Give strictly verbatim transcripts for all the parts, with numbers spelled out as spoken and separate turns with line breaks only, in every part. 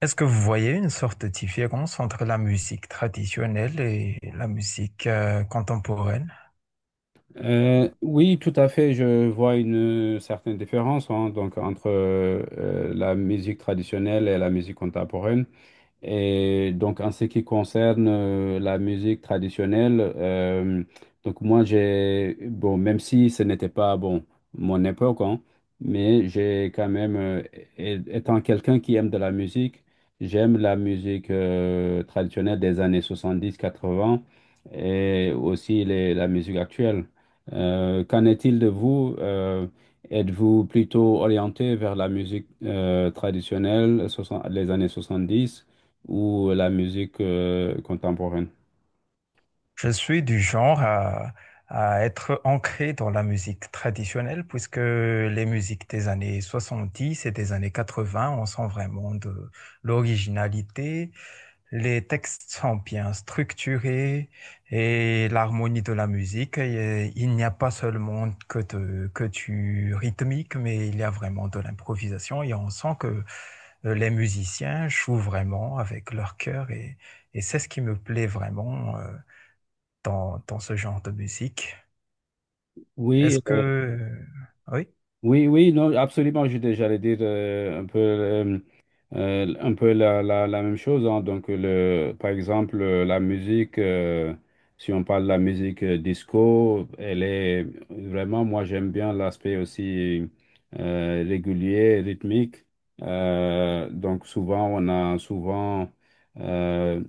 Est-ce que vous voyez une sorte de différence entre la musique traditionnelle et la musique euh, contemporaine?
Euh, oui, tout à fait. Je vois une certaine différence hein, donc, entre euh, la musique traditionnelle et la musique contemporaine. Et donc, en ce qui concerne euh, la musique traditionnelle, euh, donc moi, j'ai, bon, même si ce n'était pas, bon, mon époque, hein, mais j'ai quand même, euh, é- étant quelqu'un qui aime de la musique, j'aime la musique euh, traditionnelle des années soixante-dix quatre-vingts et aussi les- la musique actuelle. Euh, qu'en est-il de vous? Euh, êtes-vous plutôt orienté vers la musique euh, traditionnelle, soixante- les années soixante-dix? Ou la musique euh, contemporaine?
Je suis du genre à, à être ancré dans la musique traditionnelle puisque les musiques des années soixante-dix et des années quatre-vingts, on sent vraiment de l'originalité. Les textes sont bien structurés et l'harmonie de la musique, et il n'y a pas seulement que, de- que du rythmique, mais il y a vraiment de l'improvisation et on sent que euh, les musiciens jouent vraiment avec leur cœur et, et c'est ce qui me plaît vraiment euh, dans, dans ce genre de musique.
Oui,
Est-ce que,
euh,
euh, oui,
oui, oui, non, absolument. Je dé- J'allais dire euh, un peu, euh, euh, un peu la, la, la même chose, hein. Donc, le, par exemple, euh, la musique, euh, si on parle de la musique euh, disco, elle est vraiment, moi, j'aime bien l'aspect aussi euh, régulier, rythmique. Euh, donc, souvent, on a souvent euh,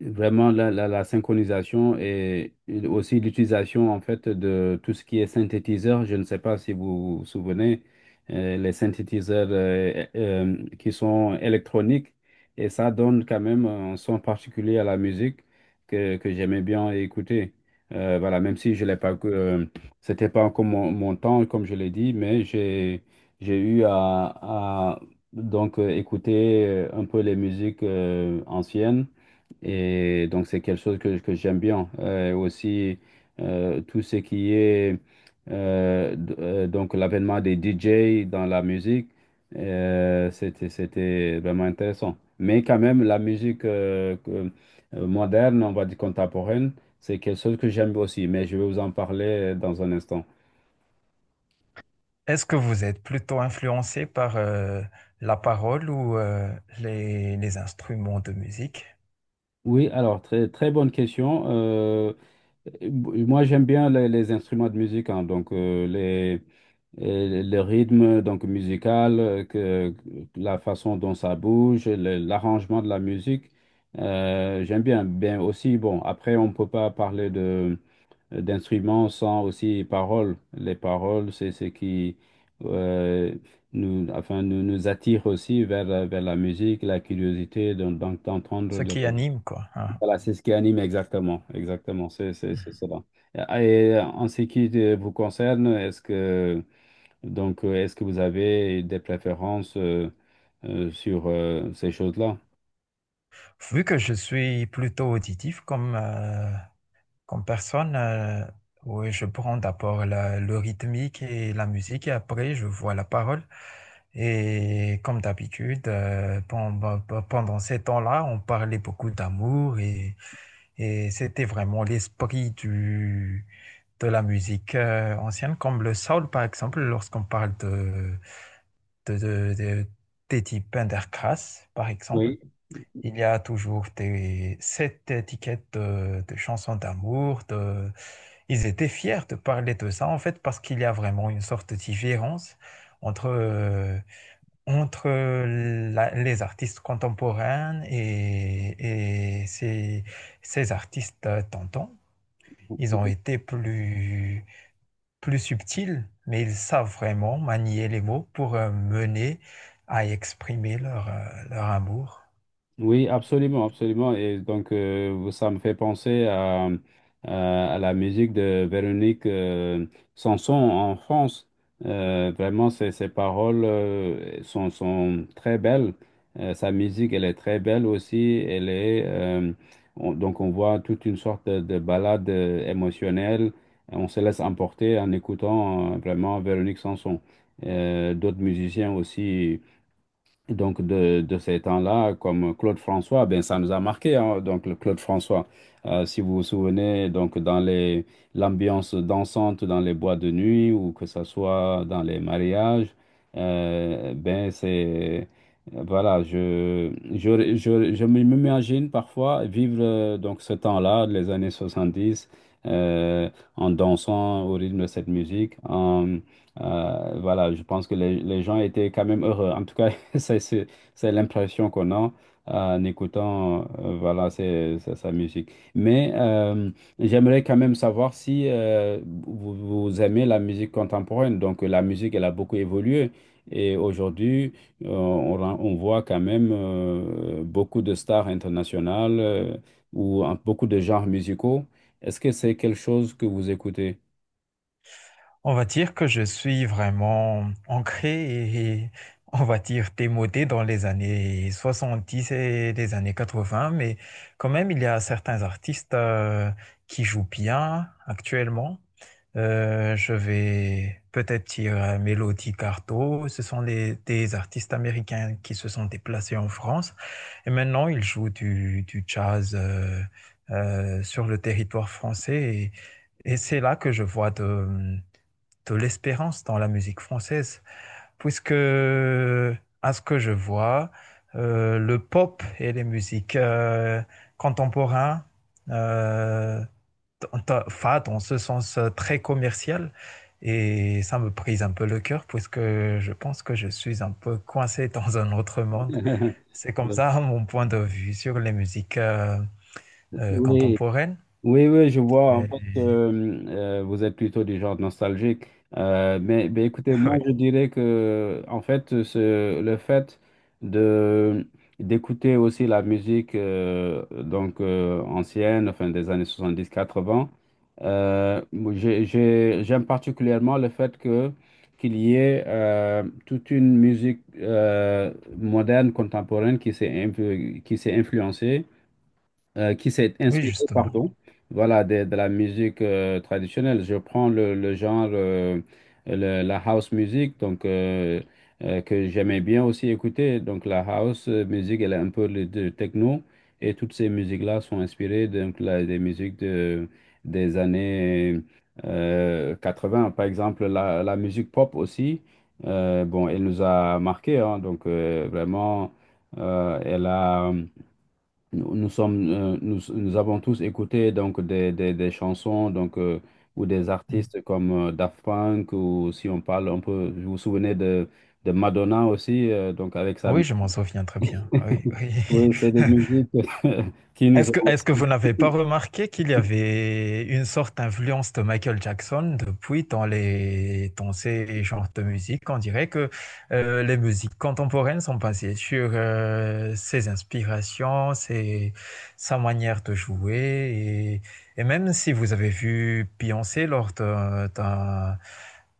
vraiment, la, la, la synchronisation et aussi l'utilisation en fait de tout ce qui est synthétiseur. Je ne sais pas si vous vous souvenez, euh, les synthétiseurs euh, euh, qui sont électroniques et ça donne quand même un son particulier à la musique que, que j'aimais bien écouter. Euh, voilà, même si je l'ai pas, euh, c'était pas encore mon, mon temps comme je l'ai dit, mais j'ai j'ai eu à, à donc euh, écouter euh, un peu les musiques euh, anciennes. Et donc, c'est quelque chose que, que j'aime bien. Euh, aussi, euh, tout ce qui est euh, d- euh, donc l'avènement des D J dans la musique, euh, c'était, c'était vraiment intéressant. Mais quand même, la musique euh, que- euh, moderne, on va dire contemporaine, c'est quelque chose que j'aime aussi. Mais je vais vous en parler dans un instant.
est-ce que vous êtes plutôt influencé par euh, la parole ou euh, les, les instruments de musique?
Oui, alors, très, très bonne question. Euh, b- moi, j'aime bien les, les instruments de musique, hein, donc euh, les. Euh, le rythme donc musical, euh, que, la façon dont ça bouge, le- l'arrangement de la musique. Euh, j'aime bien. Bien aussi, bon, après, on ne peut pas parler de euh, d'instruments sans aussi paroles. Les paroles, c'est ce qui euh, nous, enfin, nous, nous attire aussi vers, la- vers la musique, la curiosité d'en- d'en- d'entendre.
Ce qui
le-
anime, quoi. Hein.
Voilà, c'est ce qui anime exactement. Exactement, c'est c'est- c'est cela. Et en ce qui te- vous concerne, est-ce que donc, euh, est-ce que vous avez des préférences euh, euh, sur euh, ces choses-là?
Vu que je suis plutôt auditif, comme euh, comme personne, euh, oui, je prends d'abord la- le rythmique et la musique et après je vois la parole. Et comme d'habitude, euh, pen- pen- pen- pendant ces temps-là, on parlait beaucoup d'amour et, et c'était vraiment l'esprit du, de la musique euh, ancienne, comme le soul par exemple, lorsqu'on parle de, de, de, de- des types Pendergrass par exemple.
Oui,
Il y a toujours des, cette étiquette de, de chansons d'amour, de ils étaient fiers de parler de ça, en fait, parce qu'il y a vraiment une sorte de différence entre, euh, entre la- les artistes contemporains et, et ces, ces artistes euh, tentants. Ils ont été plus, plus subtils, mais ils savent vraiment manier les mots pour euh, mener à exprimer leur, euh, leur amour.
oui, absolument, absolument. Et donc, euh, ça me fait penser à, à, à la musique de Véronique euh, Sanson en France. Euh, vraiment, ses, ses paroles euh, sont, sont très belles. Euh, sa musique, elle est très belle aussi. Elle est, euh, on- donc, on voit toute une sorte de, de balade euh, émotionnelle. On se laisse emporter en écoutant euh, vraiment Véronique Sanson. Euh, d'autres musiciens aussi. Donc, de, de ces temps-là, comme Claude François, ben, ça nous a marqué, hein. Donc, le Claude François, euh, si vous vous souvenez, donc, dans les, l'ambiance dansante dans les boîtes de nuit ou que ce soit dans les mariages, euh, ben, c'est, voilà, je, je, je, je m'imagine parfois vivre euh, donc ce temps-là, les années soixante-dix, euh, en dansant au rythme de cette musique, en, euh, voilà, je pense que les, les gens étaient quand même heureux. En tout cas, c'est c'est- c'est l'impression qu'on a en écoutant euh, voilà, c'est, c'est sa musique. Mais euh, j'aimerais quand même savoir si euh, vous, vous aimez la musique contemporaine. Donc la musique, elle a beaucoup évolué. Et aujourd'hui, euh, on, ren- on voit quand même euh, beaucoup de stars internationales euh, ou en- beaucoup de genres musicaux. Est-ce que c'est quelque chose que vous écoutez?
On va dire que je suis vraiment ancré et on va dire démodé dans les années soixante-dix et les années quatre-vingts, mais quand même, il y a certains artistes euh, qui jouent bien actuellement. Euh, je vais peut-être dire euh, Melody Carto. Ce sont les- des artistes américains qui se sont déplacés en France et maintenant ils jouent du, du jazz euh, euh, sur le territoire français et, et c'est là que je vois de, de l'espérance dans la musique française, puisque à ce que je vois, euh, le pop et les musiques euh, contemporaines, euh, enfin, dans ce sens euh, très commercial, et ça me brise un peu le cœur, puisque je pense que je suis un peu coincé dans un autre monde. C'est comme ça mon point de vue sur les musiques euh, euh,
Oui.
contemporaines.
Oui, oui, je vois. En
Et,
fait, euh, euh, vous êtes plutôt du genre nostalgique. Euh, mais, mais écoutez, moi,
oui,
je dirais que, en fait, ce- le fait de d'écouter aussi la musique euh, donc euh, ancienne, enfin des années soixante-dix quatre-vingts, euh, moi, j'ai- j'ai- j'aime particulièrement le fait que qu'il y ait euh, toute une musique euh, moderne, contemporaine qui s'est influ- qui s'est influencée euh, qui s'est
oui,
inspiré,
justement.
pardon, voilà, de, de la musique euh, traditionnelle. Je prends le, le genre, euh, le- la house music, donc euh, euh, que j'aimais bien aussi écouter. Donc la house euh, music, elle est un peu le- de techno, et toutes ces musiques-là sont inspirées donc la- des musiques de, des années euh, quatre-vingts. Par exemple, la, la musique pop aussi, euh, bon, elle nous a marqué, hein. Donc euh, vraiment, euh, elle a nous, nous sommes, euh, nous, nous avons tous écouté donc des, des, des chansons donc euh, ou des
Mm.
artistes comme euh, Daft Punk ou si on parle, on peut, vous vous souvenez de, de Madonna aussi euh, donc avec sa
Oui,
musique.
je m'en souviens très bien. Oui, oui.
Oui, c'est des musiques qui nous
Est-ce
ont
que, est-ce que
aussi.
vous n'avez pas remarqué qu'il y avait une sorte d'influence de Michael Jackson depuis dans les, dans ces genres de musique? On dirait que euh, les musiques contemporaines sont basées sur euh, ses inspirations, ses- sa manière de jouer. Et, et même si vous avez vu Beyoncé lors d'un, d'un-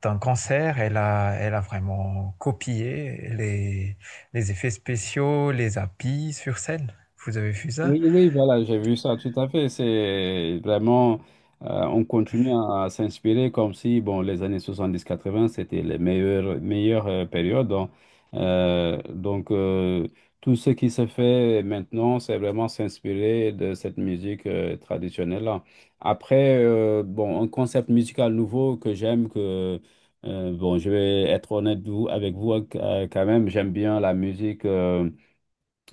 d'un concert, elle a, elle a vraiment copié les, les effets spéciaux, les habits sur scène. Vous avez vu ça?
Oui, oui, voilà, j'ai vu ça tout à fait. C'est vraiment, euh, on continue à s'inspirer comme si, bon, les années soixante-dix quatre-vingts c'était les meilleures, meilleures euh, périodes. Donc, euh, donc, euh, tout ce qui se fait maintenant, c'est vraiment s'inspirer de cette musique euh, traditionnelle-là. Après, euh, bon, un concept musical nouveau que j'aime, que, euh, bon, je vais être honnête vous- avec vous euh, quand même, j'aime bien la musique. euh,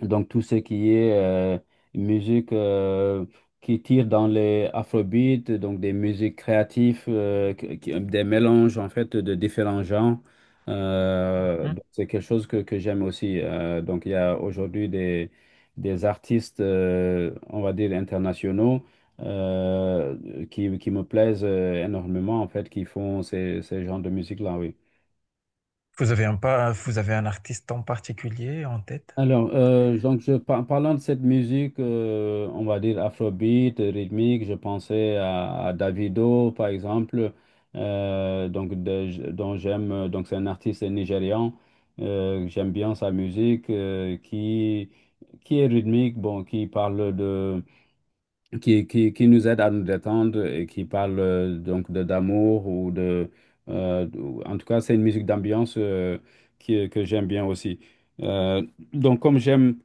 Donc, tout ce qui est euh, musique euh, qui tire dans les afrobeats, donc des musiques créatives, euh, qui- qui- des mélanges en fait de différents genres, euh, donc c'est quelque chose que, que j'aime aussi. Euh, donc, il y a aujourd'hui des, des artistes, euh, on va dire, internationaux euh, qui, qui me plaisent euh, énormément en fait, qui font ces, ces genres de musique-là, oui.
Vous avez un pas, vous avez un artiste en particulier en tête?
Alors, euh, donc je, par- parlant de cette musique, euh, on va dire afrobeat, rythmique, je pensais à, à Davido, par exemple, euh, donc de- dont j'aime, euh, donc c'est un artiste nigérian, euh, j'aime bien sa musique, euh, qui, qui est rythmique, bon, qui parle de, qui, qui, qui nous aide à nous détendre et qui parle euh, donc de d'amour ou de, euh, ou- en tout cas, c'est une musique d'ambiance euh, qui- que j'aime bien aussi. Euh, donc, comme j'aime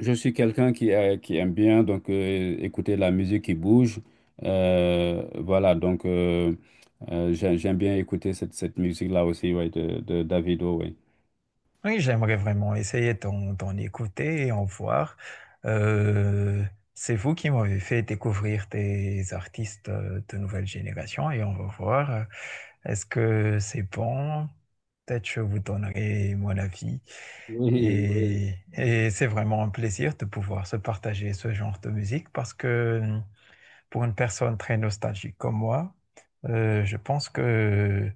je suis quelqu'un qui, euh, qui aime bien donc euh, écouter la musique qui bouge. Euh, voilà, donc euh, euh, j'ai- j'aime bien écouter cette, cette musique-là aussi, ouais, de, de Davido, ouais.
Oui, j'aimerais vraiment essayer d'en d'en écouter et en voir. Euh, c'est vous qui m'avez fait découvrir des artistes euh, de nouvelle génération et on va voir. euh, Est-ce que c'est bon? Peut-être je vous donnerai mon avis.
Oui, oui.
Et, et c'est vraiment un plaisir de pouvoir se partager ce genre de musique parce que pour une personne très nostalgique comme moi, euh, je pense que,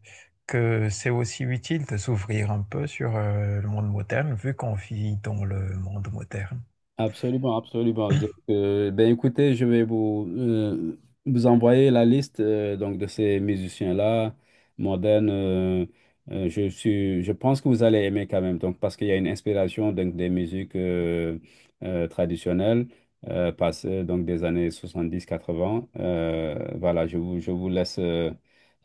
que c'est aussi utile de s'ouvrir un peu sur euh, le monde moderne, vu qu'on vit dans le monde moderne.
Absolument, absolument. Donc, euh, ben écoutez, je vais vous, euh, vous envoyer la liste euh, donc de ces musiciens-là, modernes. Euh, euh, je suis, je pense que vous allez aimer quand même, donc parce qu'il y a une inspiration donc, des musiques euh, euh, traditionnelles euh, passées donc des années soixante-dix quatre-vingts. Euh, voilà, je vous, je vous laisse euh,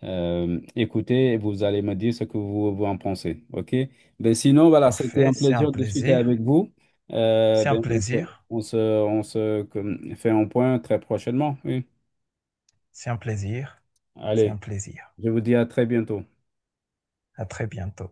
euh, écouter et vous allez me dire ce que vous, vous en pensez. OK? Ben sinon, voilà, c'était un
Parfait, c'est un
plaisir de discuter avec
plaisir,
vous. Euh,
c'est un
bien, on se,
plaisir,
on se, on se comme, fait un point très prochainement. Oui.
c'est un plaisir, c'est un
Allez,
plaisir.
je vous dis à très bientôt.
À très bientôt.